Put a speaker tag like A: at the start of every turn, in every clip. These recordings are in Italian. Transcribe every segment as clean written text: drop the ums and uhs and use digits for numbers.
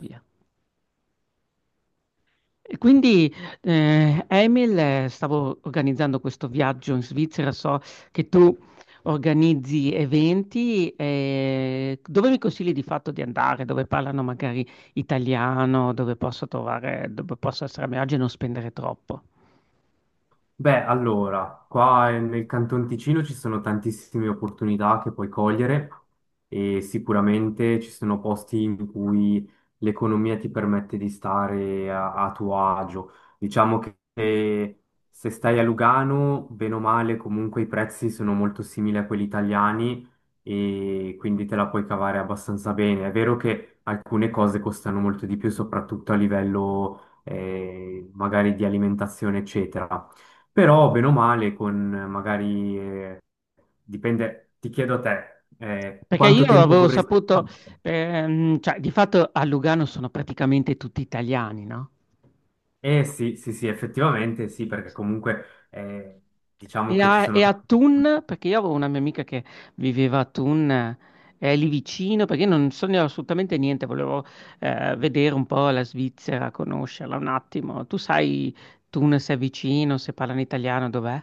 A: Via. E quindi, Emil, stavo organizzando questo viaggio in Svizzera. So che tu organizzi eventi. Dove mi consigli di fatto di andare? Dove parlano magari italiano? Dove posso trovare, dove posso essere a mio agio e non spendere troppo?
B: Beh, allora, qua nel Canton Ticino ci sono tantissime opportunità che puoi cogliere e sicuramente ci sono posti in cui l'economia ti permette di stare a tuo agio. Diciamo che se stai a Lugano, bene o male, comunque i prezzi sono molto simili a quelli italiani e quindi te la puoi cavare abbastanza bene. È vero che alcune cose costano molto di più, soprattutto a livello magari di alimentazione, eccetera. Però, bene o male, con magari, dipende, ti chiedo a te,
A: Perché
B: quanto
A: io
B: tempo
A: avevo
B: vorresti fare?
A: saputo, cioè, di fatto a Lugano sono praticamente tutti italiani, no?
B: Eh sì, sì, sì, effettivamente sì, perché comunque eh,
A: E
B: diciamo che ci
A: a,
B: sono.
A: e a Thun, perché io avevo una mia amica che viveva a Thun, lì vicino, perché io non so assolutamente niente, volevo vedere un po' la Svizzera, conoscerla un attimo. Tu sai Thun se è vicino, se parlano italiano, dov'è?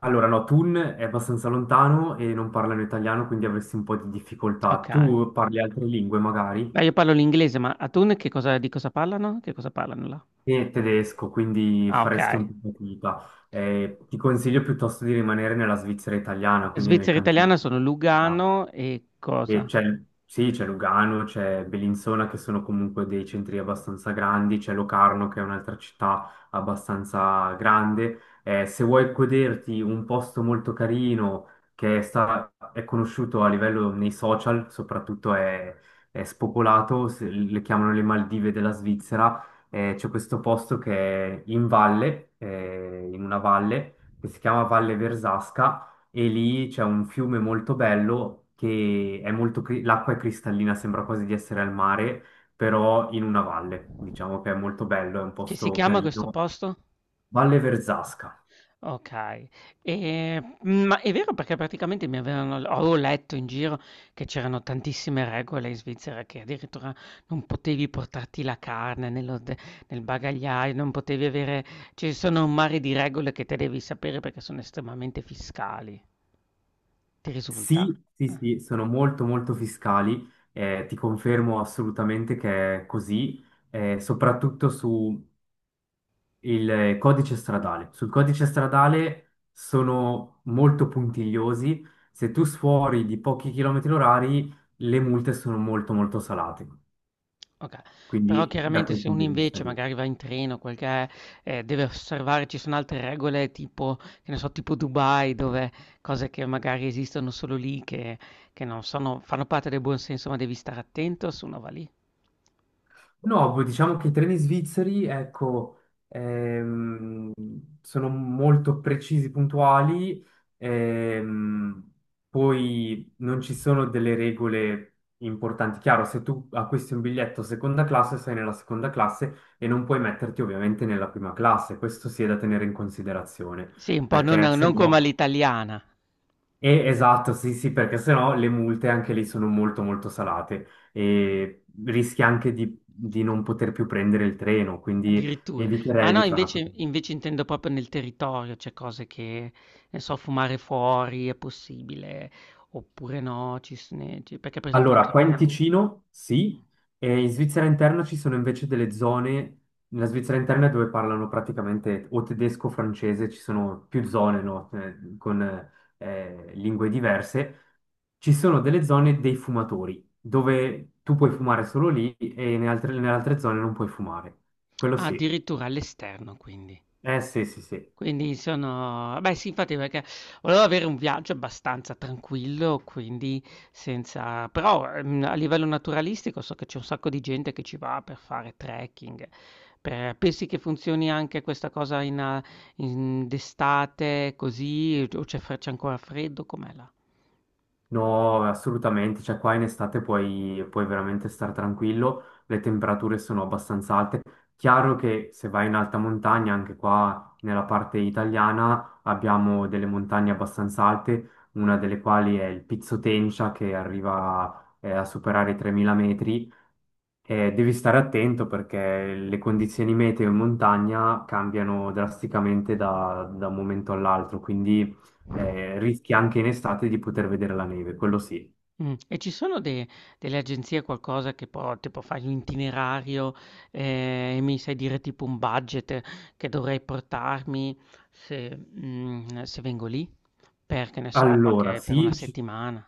B: Allora, no, Thun è abbastanza lontano e non parlano italiano, quindi avresti un po' di difficoltà.
A: Ok.
B: Tu parli altre lingue magari
A: Beh, io parlo l'inglese, ma a Thun che cosa, di cosa parlano? Che cosa parlano là?
B: e tedesco, quindi
A: Ah, ok.
B: faresti un po' di fatica. Ti consiglio piuttosto di rimanere nella Svizzera italiana, quindi nel
A: Svizzera
B: cantone.
A: italiana sono Lugano e
B: E
A: cosa?
B: sì, c'è Lugano, c'è Bellinzona che sono comunque dei centri abbastanza grandi, c'è Locarno che è un'altra città abbastanza grande. Se vuoi goderti un posto molto carino che è conosciuto a livello nei social, soprattutto è spopolato, le chiamano le Maldive della Svizzera, c'è questo posto che è in valle, in una valle che si chiama Valle Versasca, e lì c'è un fiume molto bello che è molto. L'acqua è cristallina, sembra quasi di essere al mare, però in una valle, diciamo che è molto bello, è un
A: Che si
B: posto
A: chiama questo
B: carino.
A: posto?
B: Valle Verzasca.
A: Okay. Ma è vero perché praticamente mi avevano l avevo letto in giro che c'erano tantissime regole in Svizzera, che addirittura non potevi portarti la carne nel bagagliaio, non potevi avere ci sono un mare di regole che te devi sapere perché sono estremamente fiscali. Ti risulta?
B: Sì, sì,
A: Ah.
B: sì, sono molto molto fiscali, ti confermo assolutamente che è così, soprattutto su il codice stradale. Sul codice stradale sono molto puntigliosi. Se tu sfuori di pochi chilometri orari, le multe sono molto molto salate.
A: Oka Però
B: Quindi da
A: chiaramente
B: quel
A: se uno
B: punto di vista
A: invece
B: lì.
A: magari va in treno, quel che è, deve osservare ci sono altre regole tipo che ne so, tipo Dubai dove cose che magari esistono solo lì che non sono fanno parte del buon senso, ma devi stare attento se uno va lì.
B: No, poi diciamo che i treni svizzeri, ecco, ehm, sono molto precisi, puntuali, ehm, poi non ci sono delle regole importanti. Chiaro, se tu acquisti un biglietto seconda classe, sei nella seconda classe e non puoi metterti ovviamente nella prima classe, questo sì è da tenere in considerazione,
A: Sì, un po' non
B: perché se
A: non come
B: no.
A: all'italiana.
B: Esatto, sì, sì, perché sennò le multe anche lì sono molto molto salate e rischi anche di non poter più prendere il treno, quindi
A: Addirittura. Ma
B: eviterei
A: no,
B: di fare una cosa.
A: invece intendo proprio nel territorio, cioè cose che, ne so, fumare fuori è possibile, oppure no, ci s ne ci perché per esempio
B: Allora,
A: ci.
B: qua in Ticino sì, e in Svizzera interna ci sono invece delle zone, nella Svizzera interna dove parlano praticamente o tedesco o francese, ci sono più zone, no? Con lingue diverse ci sono delle zone dei fumatori, dove tu puoi fumare solo lì e nelle altre zone non puoi fumare. Quello
A: Ah,
B: sì.
A: addirittura all'esterno quindi.
B: Eh sì, sì, sì.
A: Quindi sono beh sì infatti perché volevo avere un viaggio abbastanza tranquillo, quindi senza però, a livello naturalistico so che c'è un sacco di gente che ci va per fare trekking, per pensi che funzioni anche questa cosa in a in d'estate così o c'è fre c'è ancora freddo? Com'è là?
B: No, assolutamente. Cioè, qua in estate puoi veramente stare tranquillo. Le temperature sono abbastanza alte. Chiaro che se vai in alta montagna, anche qua nella parte italiana, abbiamo delle montagne abbastanza alte, una delle quali è il Pizzo Tencia, che arriva, a superare i 3.000 metri. Devi stare attento perché le condizioni meteo in montagna cambiano drasticamente da un momento all'altro, quindi rischi anche in estate di poter vedere la neve, quello sì. Eh,
A: E ci sono de delle agenzie, qualcosa che può tipo fai un itinerario, e mi sai dire tipo un budget che dovrei portarmi se se vengo lì? Per, che ne so,
B: Allora,
A: qualche per una
B: sì, ci
A: settimana,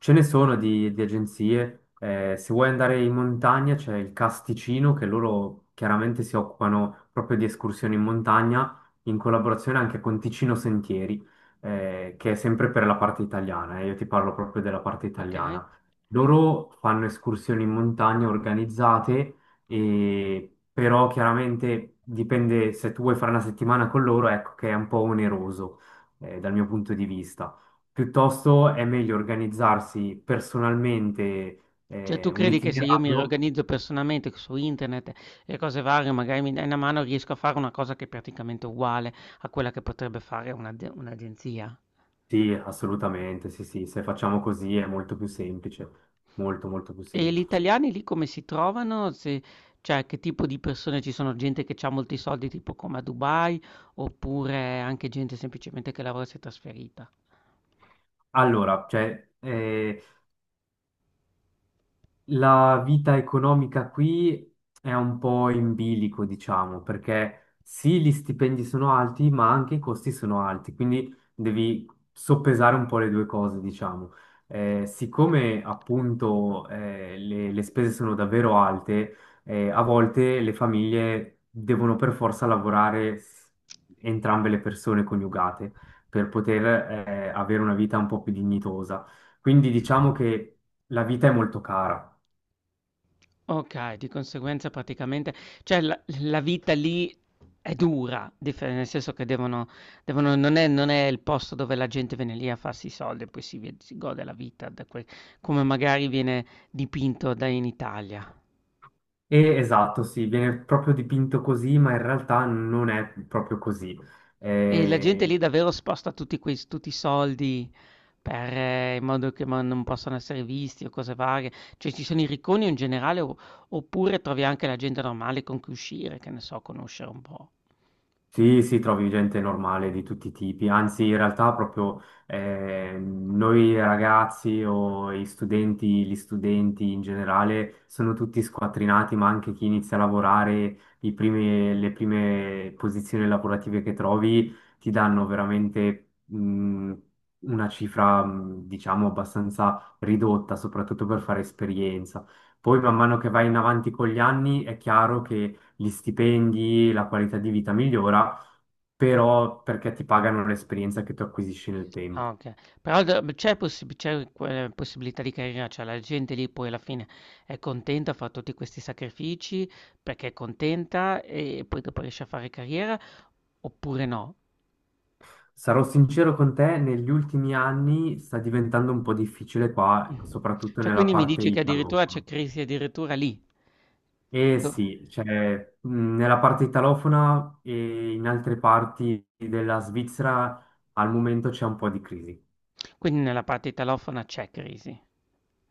B: ce ne sono di agenzie, se vuoi andare in montagna c'è il Casticino che loro chiaramente si occupano proprio di escursioni in montagna in collaborazione anche con Ticino Sentieri, che è sempre per la parte italiana, io ti parlo proprio della parte
A: okay?
B: italiana. Loro fanno escursioni in montagna organizzate, e, però chiaramente dipende se tu vuoi fare una settimana con loro, ecco che è un po' oneroso, dal mio punto di vista. Piuttosto è meglio organizzarsi personalmente
A: Cioè tu
B: un
A: credi che se io mi
B: itinerario.
A: riorganizzo personalmente su internet e cose varie, magari mi dai una mano, riesco a fare una cosa che è praticamente uguale a quella che potrebbe fare un'agenzia?
B: Sì, assolutamente, sì, sì, se facciamo così è molto più semplice, molto, molto più
A: E gli
B: semplice.
A: italiani lì come si trovano? Se cioè che tipo di persone ci sono? Gente che c'ha molti soldi tipo come a Dubai oppure anche gente semplicemente che lavora e si è trasferita?
B: Allora, cioè, la vita economica qui è un po' in bilico, diciamo, perché sì, gli stipendi sono alti, ma anche i costi sono alti, quindi devi soppesare un po' le due cose, diciamo. Siccome appunto le spese sono davvero alte, a volte le famiglie devono per forza lavorare entrambe le persone coniugate per poter avere una vita un po' più dignitosa. Quindi diciamo che la vita è molto cara.
A: Ok, di conseguenza praticamente, cioè la vita lì è dura, nel senso che devono, non è, non è il posto dove la gente viene lì a farsi i soldi e poi si, si gode la vita, come magari viene dipinto da in Italia.
B: E esatto, sì, viene proprio dipinto così, ma in realtà non è proprio così.
A: E la gente lì
B: Eh,
A: davvero sposta tutti i soldi per, in modo che ma non possano essere visti o cose varie. Cioè ci sono i ricconi o in generale o oppure trovi anche la gente normale con cui uscire, che ne so, conoscere un po'.
B: Sì, sì, trovi gente normale di tutti i tipi, anzi in realtà proprio noi ragazzi o i studenti, gli studenti in generale sono tutti squattrinati, ma anche chi inizia a lavorare, le prime posizioni lavorative che trovi ti danno veramente una cifra, diciamo, abbastanza ridotta, soprattutto per fare esperienza. Poi man mano che vai in avanti con gli anni è chiaro che gli stipendi, la qualità di vita migliora, però perché ti pagano l'esperienza che tu acquisisci nel tempo.
A: Ah, okay. Però d c'è possib c'è que possibilità di carriera, cioè la gente lì poi alla fine è contenta, fa tutti questi sacrifici perché è contenta e poi dopo riesce a fare carriera oppure no?
B: Sarò sincero con te, negli ultimi anni sta diventando un po' difficile
A: Mh.
B: qua, soprattutto
A: Cioè
B: nella
A: quindi mi
B: parte
A: dici che addirittura
B: italofona.
A: c'è crisi addirittura lì?
B: Eh
A: Do
B: sì, cioè, nella parte italofona e in altre parti della Svizzera al momento c'è un po' di crisi.
A: Quindi nella parte italofona c'è crisi.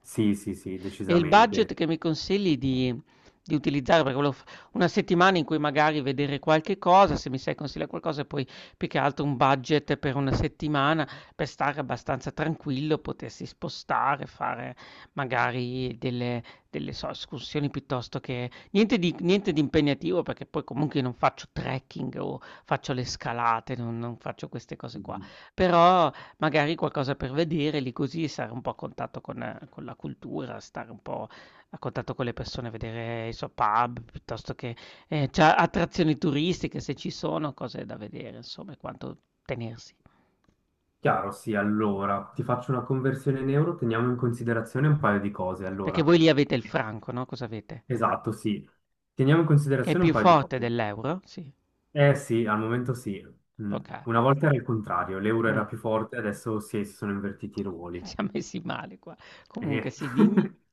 B: Sì, sì, sì,
A: E il budget
B: decisamente.
A: che mi consigli di utilizzare, perché volevo f una settimana in cui magari vedere qualche cosa, se mi sai consigliare qualcosa e poi più che altro un budget per una settimana, per stare abbastanza tranquillo, potersi spostare, fare magari delle escursioni piuttosto che niente di niente di impegnativo, perché poi comunque io non faccio trekking o faccio le scalate, non faccio queste cose qua.
B: Mhm.
A: Però magari qualcosa per vedere, lì così stare un po' a contatto con la cultura, stare un po' a contatto con le persone, vedere i suoi pub, piuttosto che, cioè attrazioni turistiche se ci sono, cose da vedere insomma e quanto tenersi.
B: Chiaro, sì, allora ti faccio una conversione in euro, teniamo in considerazione un paio di cose.
A: Perché
B: Allora.
A: voi lì avete il franco, no, cosa avete?
B: Esatto, sì. Teniamo in
A: Che è
B: considerazione un
A: più
B: paio di
A: forte
B: cose.
A: dell'euro? Sì,
B: Eh sì, al momento sì. Mm.
A: okay.
B: Una volta era il contrario, l'euro
A: Mh.
B: era più forte, adesso sì, si sono invertiti i ruoli.
A: Siam messi male qua. Comunque
B: Eh.
A: sì, dimmi.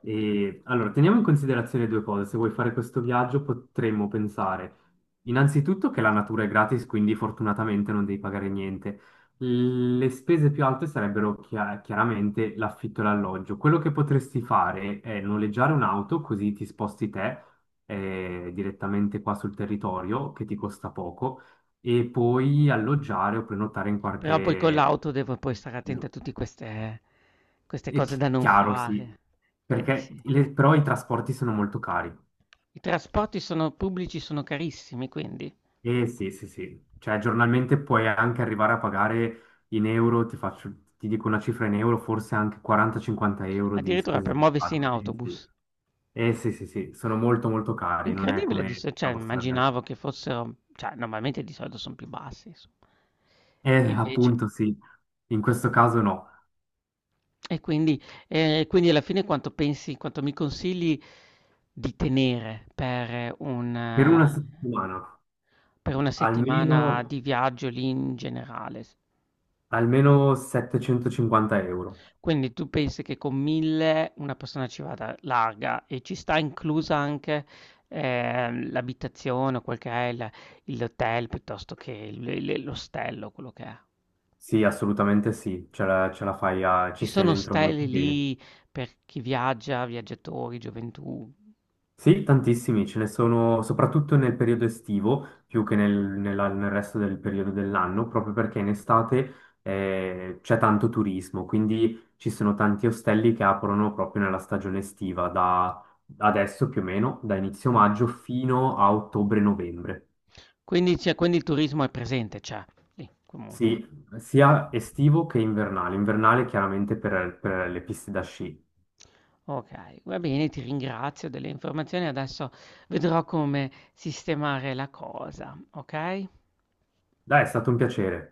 B: E, allora, teniamo in considerazione due cose. Se vuoi fare questo viaggio, potremmo pensare innanzitutto che la natura è gratis, quindi fortunatamente non devi pagare niente. Le spese più alte sarebbero chiaramente l'affitto e l'alloggio. Quello che potresti fare è noleggiare un'auto, così ti sposti te direttamente qua sul territorio, che ti costa poco, e poi alloggiare o prenotare in
A: Però poi con
B: qualche.
A: l'auto devo poi stare attento a tutti queste queste
B: È
A: cose da non
B: chiaro, sì,
A: fare, quindi
B: perché
A: sì.
B: però i trasporti sono molto cari.
A: I trasporti sono pubblici sono carissimi, quindi
B: Eh sì, sì, sì, cioè giornalmente puoi anche arrivare a pagare in euro, ti dico una cifra in euro, forse anche 40-50 euro di
A: addirittura per
B: spese di
A: muoversi in
B: viaggio. Eh sì.
A: autobus.
B: Eh sì, sì, sì, sono molto molto cari, non è
A: Incredibile di
B: come
A: so
B: la
A: cioè
B: vostra
A: immaginavo
B: realtà.
A: che fossero cioè normalmente di solito son più bassi insom. E
B: Eh,
A: invece
B: appunto sì, in questo caso no.
A: e quindi e quindi alla fine quanto pensi quanto mi consigli di tenere per un
B: Per una settimana
A: per una settimana
B: almeno,
A: di viaggio lì in generale s.
B: almeno 750 euro.
A: Quindi tu pensi che con 1000 una persona ci vada larga e ci sta inclusa anche l'abitazione o quel che è l'hotel piuttosto che l'ostello, quello che è.
B: Sì, assolutamente sì, ce la fai,
A: Ci
B: ci stai
A: sono
B: dentro molto
A: stelle
B: bene.
A: lì per chi viaggia, viaggiatori, gioventù.
B: Sì, tantissimi, ce ne sono soprattutto nel periodo estivo, più che nel resto del periodo dell'anno, proprio perché in estate c'è tanto turismo, quindi ci sono tanti ostelli che aprono proprio nella stagione estiva, da adesso più o meno, da inizio
A: Mm.
B: maggio fino a ottobre-novembre.
A: Quindi, quindi il turismo è presente, c'è lì comunque.
B: Sì, sia estivo che invernale, invernale chiaramente per le piste da sci.
A: Ok, va bene, ti ringrazio delle informazioni, adesso vedrò come sistemare la cosa, ok?
B: Dai, è stato un piacere.